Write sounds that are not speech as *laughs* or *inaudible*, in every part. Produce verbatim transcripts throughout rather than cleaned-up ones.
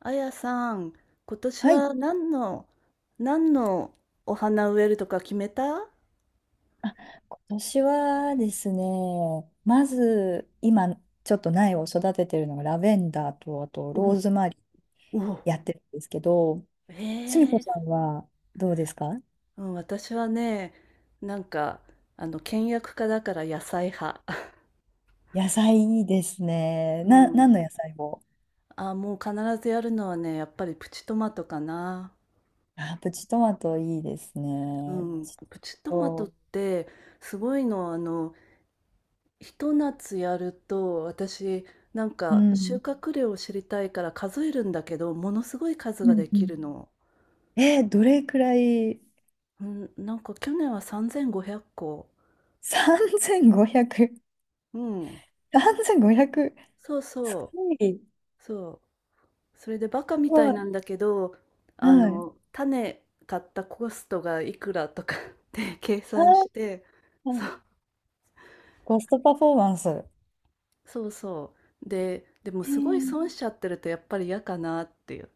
あやさん、今年はい。は何の、何のお花植えるとか決めた？あ、今年はですね、まず今ちょっと苗を育ててるのがラベンダーとあとローおズマリーお、やってるんですけど、すみこえさえ、んはどうですか？うん、私はね、なんか、あの、倹約家だから野菜派。*laughs* 野菜いいですね。うな、何ん。の野菜を？あ、もう必ずやるのはね、やっぱりプチトマトかな。あ、プチトマトいいですうね。プん。チプチトマトっト、て、すごいの、あの、ひと夏やると、私、なんうか、収ん。穫量を知りたいから数えるんだけど、ものすごい数うがんでうきん。るの。えーどれくらい？ うん、なんか去年はさんぜんごひゃっこ。さんぜんごひゃく。うん。さんぜんごひゃく。そうすそごい。すう、そう。それでバカみたごいい。なんだけど、あはい。の、種買ったコストがいくらとか *laughs* って計算しあて、そーう、コストパフォーマンス。そうそう。で、でもえすごいー損しちゃってるとやっぱり嫌かなっていう。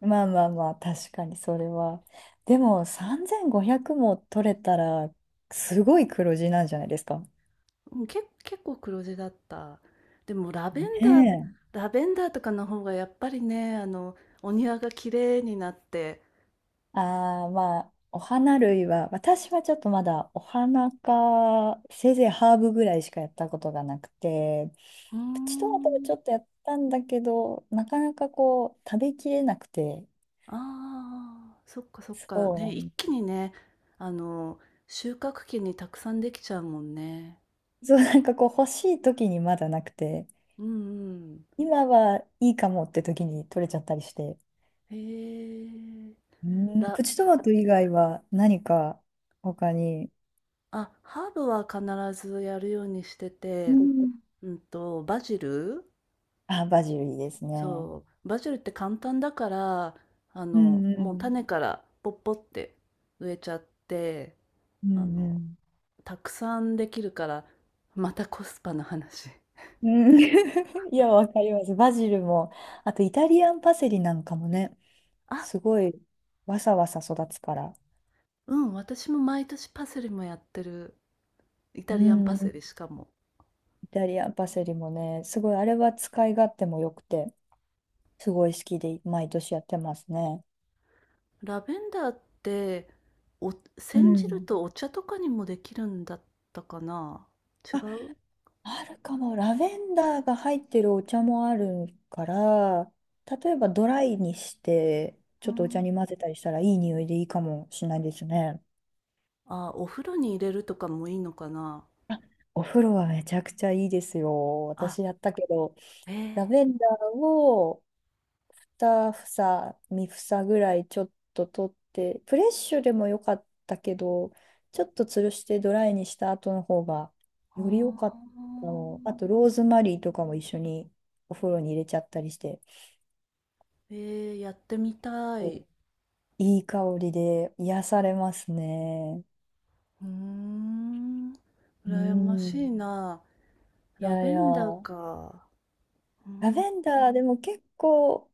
まあまあまあ、確かにそれは。でも、さんぜんごひゃくも取れたら、すごい黒字なんじゃないですか？うん、け、結構黒字だった。でもラベンダー、ねラベンダーとかの方がやっぱりね、あの、お庭が綺麗になって、え。ああ、まあ、お花類は、私はちょっとまだお花か、せいぜいハーブぐらいしかやったことがなくて、うープチトマトもちょん。っとやったんだけど、なかなかこう、食べきれなくて、ああ、そっかそっか。そうね、な一ん、気にね、あの、収穫期にたくさんできちゃうもんね。そう、なんかこう、欲しい時にまだなくて、うんうん。今はいいかもって時に取れちゃったりして、へえ。うん、プら、チトマト以外は何か他に？あ、ハーブは必ずやるようにしてうて、ん。うんと、バジル、あ、バジルいいですね。そう、バジルって簡単だから、あうの、んうもうん。種からポッポって植えちゃって、うあんうの、ん。たくさんできるから、またコスパの話。うん *laughs* いや、わかります。バジルも、あとイタリアンパセリなんかもね、あ、すごいわさわさ育つから。うん、私も毎年パセリもやってる。イうタリアンパん、セリしかも。イタリアンパセリもね、すごい、あれは使い勝手も良くて、すごい好きで、毎年やってますね。ラベンダーってお、う煎じるん。とお茶とかにもできるんだったかな？違あ、う。あるかも。ラベンダーが入ってるお茶もあるから、例えばドライにして、うちょっとお茶ん。に混ぜたりしたらいい匂いでいいかもしれないですね。あ、お風呂に入れるとかもいいのかな。お風呂はめちゃくちゃいいですよ。あ、私やったけど、えー、ラベンダーをにふさ房、さんぶさ房ぐらいちょっと取って、フレッシュでもよかったけど、ちょっと吊るしてドライにした後の方がほうより良かったの。あとんー、ローズマリーとかも一緒にお風呂に入れちゃったりして。えー、やってみたお、い。いい香りで癒されますね。うーん、う羨ましいん。な。いラやいベや、ンダーラか。うーベん、ンダーでも結構、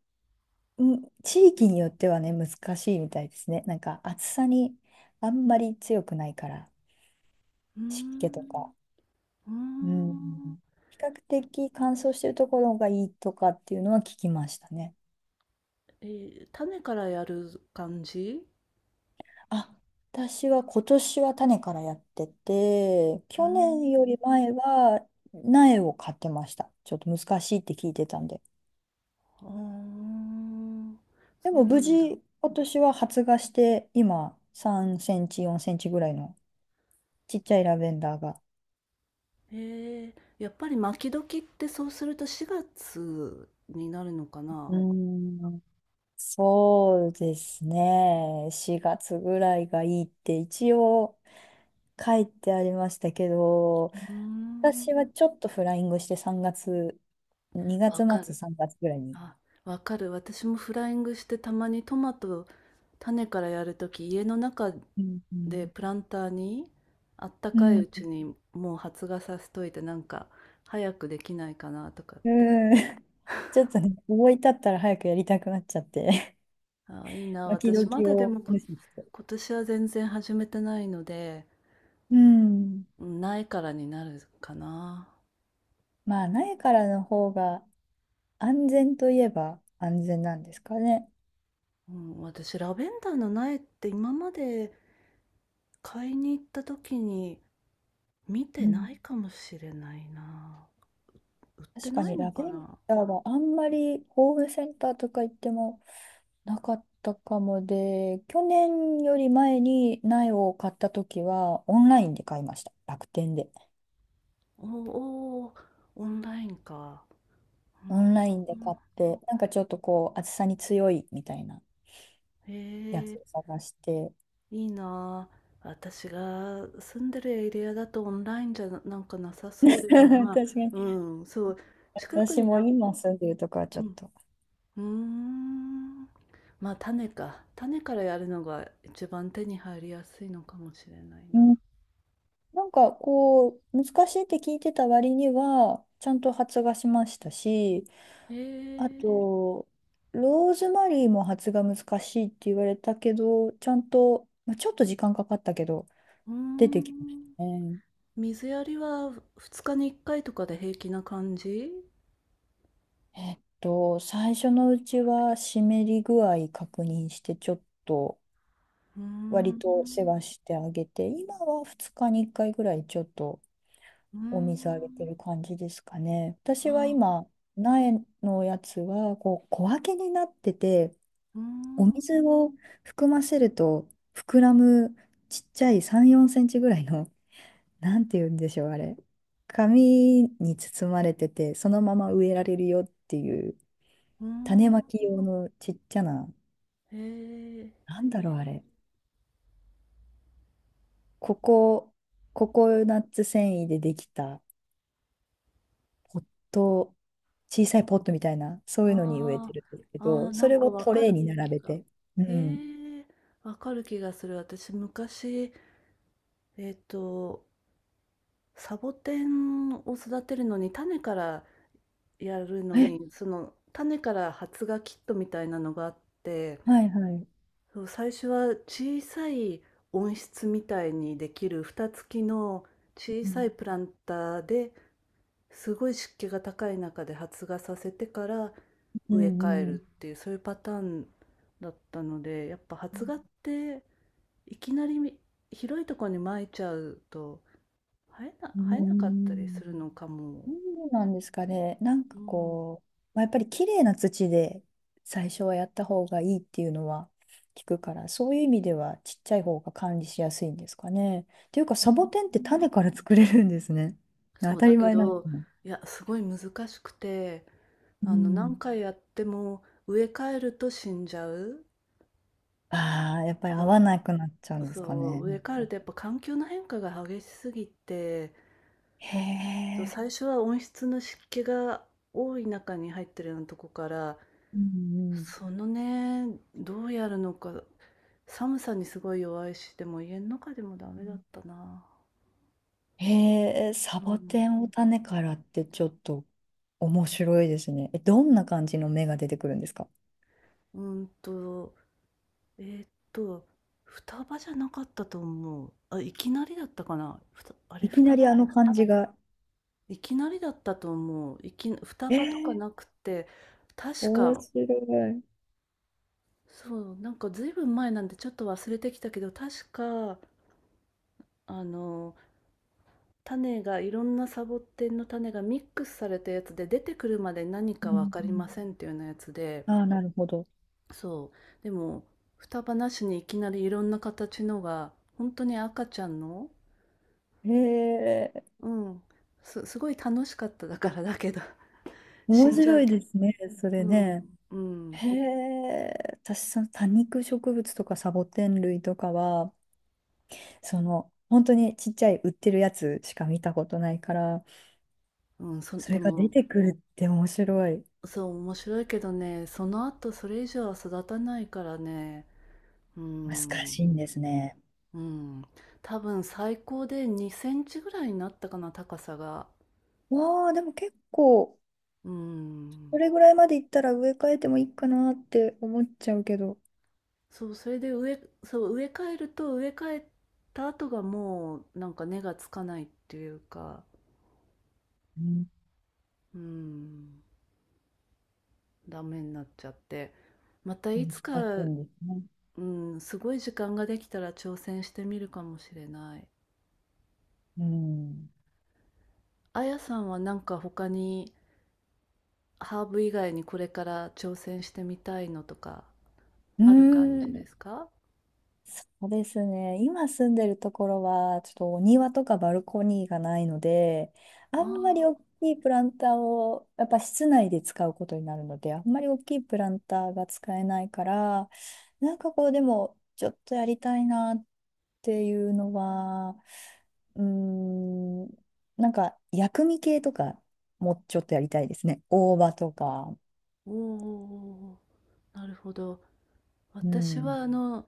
うん、地域によってはね、難しいみたいですね。なんか暑さにあんまり強くないから、うー湿気とん、か。うーうん。ん。比較的乾燥してるところがいいとかっていうのは聞きましたね。えー、種からやる感じ？あ、私は今年は種からやってて、うー去年よりん。前は苗を買ってました。ちょっと難しいって聞いてたんで。あーでそうもな無んだ。事、今年は発芽して、今、さんセンチ、よんセンチぐらいのちっちゃいラベンダーが。えー、やっぱり巻き時ってそうするとしがつになるのかうな？ーん。そうですね。しがつぐらいがいいって一応書いてありましたけど、うー私はん。ちょっとフライングしてさんがつ、にがつわか末、る。さんがつぐらいに。あ、わかる。私もフライングして、たまにトマト種からやるとき、家の中うんうでんプランターにあったうかいん。うちにもう発芽させといて、なんか早くできないかなとかって。うん *laughs*。ちょっとね、思い立ったら早くやりたくなっちゃって、あ、いい *laughs* な。巻私きまきだでをもこ、無視して。今年は全然始めてないので、うん。うん、苗からになるかな。まあ、苗からの方が安全といえば安全なんですかね。うん、私、ラベンダーの苗って今まで買いに行った時に見うてん。ないかもしれないな。売って確かなにいのラベかンな？ダーはあんまりホームセンターとか行ってもなかったかもで、去年より前に苗を買った時はオンラインで買いました。楽天で。おおー、オンラインか。うオンラインで買ん、って、なんかちょっとこう暑さに強いみたいなえやつー、を探して。いいな。私が住んでるエリアだとオンラインじゃな、なんかなさそうでもま *laughs* あ、確かに。うん、そう。近く私になもん、今住んでるとこはちうょっん。と。うーん。まあ、種か。種からやるのが一番手に入りやすいのかもしれないうな。ん、なんかこう、難しいって聞いてた割には、ちゃんと発芽しましたし、えあー、と、ローズマリーも発芽難しいって言われたけど、ちゃんと、まあ、ちょっと時間かかったけど、うー出てきましん。たね。水やりはふつかにいっかいとかで平気な感じ？えっと、最初のうちは湿り具合確認して、ちょっとうー割ん。と世話してあげて、今はふつかにいっかいぐらいちょっとうーお水あげてん。る感じですかね。私はああ。今、苗のやつはこう小分けになってて、うーおん。水を含ませると膨らむちっちゃいさん、よんセンチぐらいの、*laughs* なんて言うんでしょう、あれ。紙に包まれてて、そのまま植えられるよっていう、うー種ん。まき用のちっちゃな、えー、なんえだー、ろう、あれ。ココココナッツ繊維でできたポット、小さいポットみたいな、そういうのに植えあてるんですけあ。ああ、ど、なそれんかをわトかレーるに並気べが。て。うえん。ー、わかる気がする。私、昔、えっと、サボテンを育てるのに、種からやるのえ、に、その種から発芽キットみたいなのがあって、はいはい。そう、最初は小さい温室みたいにできる蓋付きの小うさん、いプランターですごい湿気が高い中で発芽させてからう植え替えん、うるん。っていう、そういうパターンだったので、やっぱ発芽っていきなり広いところに撒いちゃうと、生えなう生えなかったりん、するのかも。そうなんですかね。なんうかん、こう、まあ、やっぱり綺麗な土で最初はやった方がいいっていうのは聞くから、そういう意味ではちっちゃい方が管理しやすいんですかね。っていうか、うサボん。テンって種から作れるんですね。当そう、ただりけ前なのかど、な。いや、すごい難しくて、うあの、何ん。回やっても植え替えると死んじゃう。ああ、やっぱり合わそなくなっちゃうう、んですかそね。う、植え替えるとやっぱ環境の変化が激しすぎて、へそう、え。最初は温室の湿気が多い中に入ってるようなとこから、うんそのね、どうやるのか、寒さにすごい弱いし、でも家の中でもダうメだっんたな。へえ、サうボテん。ンを種からってちょっと面白いですね。え、どんな感じの芽が出てくるんですか？うんと、えーっと、双葉じゃなかったと思う。あ、いきなりだったかな。ふた、あれ、いき双な葉だりっあのたっ感じけ？が。いきなりだったと思う。いき、双 *laughs* え葉とかー、なくて、確面か、白い。うんそう、なんかずいぶん前なんでちょっと忘れてきたけど、確か、あの、種が、いろんなサボテンの種がミックスされたやつで、出てくるまで何うかわんかりませんっていうようなやつで、ああ、なるほど。そう。でも、双葉なしにいきなりいろんな形のが、本当に赤ちゃんの、へえ、うん。すすごい楽しかった、だから、だけど、*laughs* 面死んじゃ白ういけでど。すね、それね。うん。へえ、私、その多肉植物とかサボテン類とかは、その、本当にちっちゃい売ってるやつしか見たことないから、うん、うん、そそでれが出も、てくるって面白い。そう、面白いけどね、その後それ以上は育たないからね、う難しいん、んですね。うん、多分最高でにセンチぐらいになったかな、高さが。わあ、でも結構、うこん。れぐらいまでいったら植え替えてもいいかなって思っちゃうけど。そう、それで植えそう、植え替えると、植え替えた後がもう、なんか根がつかないっていうか、うん、うん、ダメになっちゃって。またい難つしか。いんですね。うん、すごい時間ができたら挑戦してみるかもしれない。うん。あやさんはなんか他にハーブ以外にこれから挑戦してみたいのとかうーある感じでん、すか？そうですね。今住んでるところは、ちょっとお庭とかバルコニーがないので、あんまりああ大きいプランターを、やっぱ室内で使うことになるので、あんまり大きいプランターが使えないから、なんかこう、でも、ちょっとやりたいなっていうのは、うーん、なんか薬味系とか、もうちょっとやりたいですね。大葉とか。ー、おーおー、なるほど。う私はん。あの、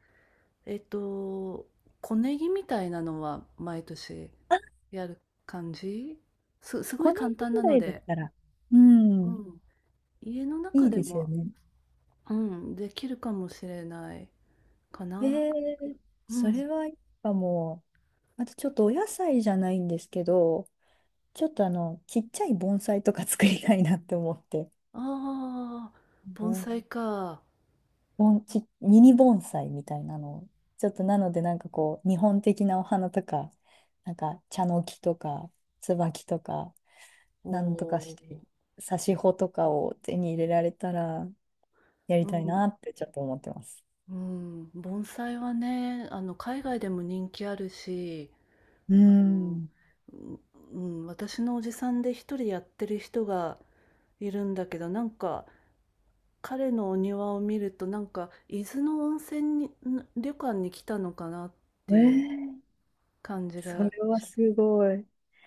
えっと、小ネギみたいなのは毎年あ、やる感じ、す、すごごいね簡年単なぐらのいだっで、たら、ううん、ん、家のい中いでですよも、ね。うん、できるかもしれないかえな。ー、うそん。れはやっぱもう、あとちょっとお野菜じゃないんですけど、ちょっとあの、ちっちゃい盆栽とか作りたいなって思って、ああ、う盆ん、栽か。盆ち、ミニ盆栽みたいなのを、ちょっとなのでなんかこう、日本的なお花とか、なんか茶の木とか、椿とか、なんとかして、お挿し穂とかを手に入れられたら、やりお、うたいん、なってちょっと思ってます。うん、盆栽はね、あの、海外でも人気あるし、うあの、ん。うん、うん、私のおじさんで一人やってる人がいるんだけど、なんか、彼のお庭を見ると、なんか、伊豆の温泉に、ん旅館に来たのかなっえていうー、感じそがれはしすて。ごい。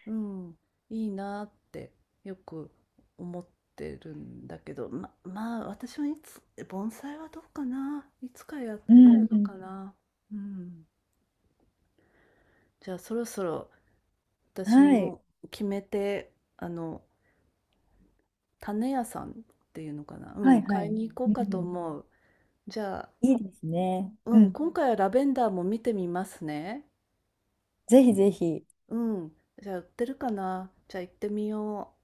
うん、いいなってよく思ってるんだけど、ま、まあ私はいつ、盆栽はどうかな、いつかや、うやるんうのかんな。うん。じゃあそろそろ私はい。も決めて、あの、種屋さんっていうのかな、うはいん、はい。買いに行こううんかうとん。思う。じゃあ、いいですね。ううん、ん。今回はラベンダーも見てみますね。ぜひぜひ。うん、じゃあ売ってるかな、じゃあ行ってみよう。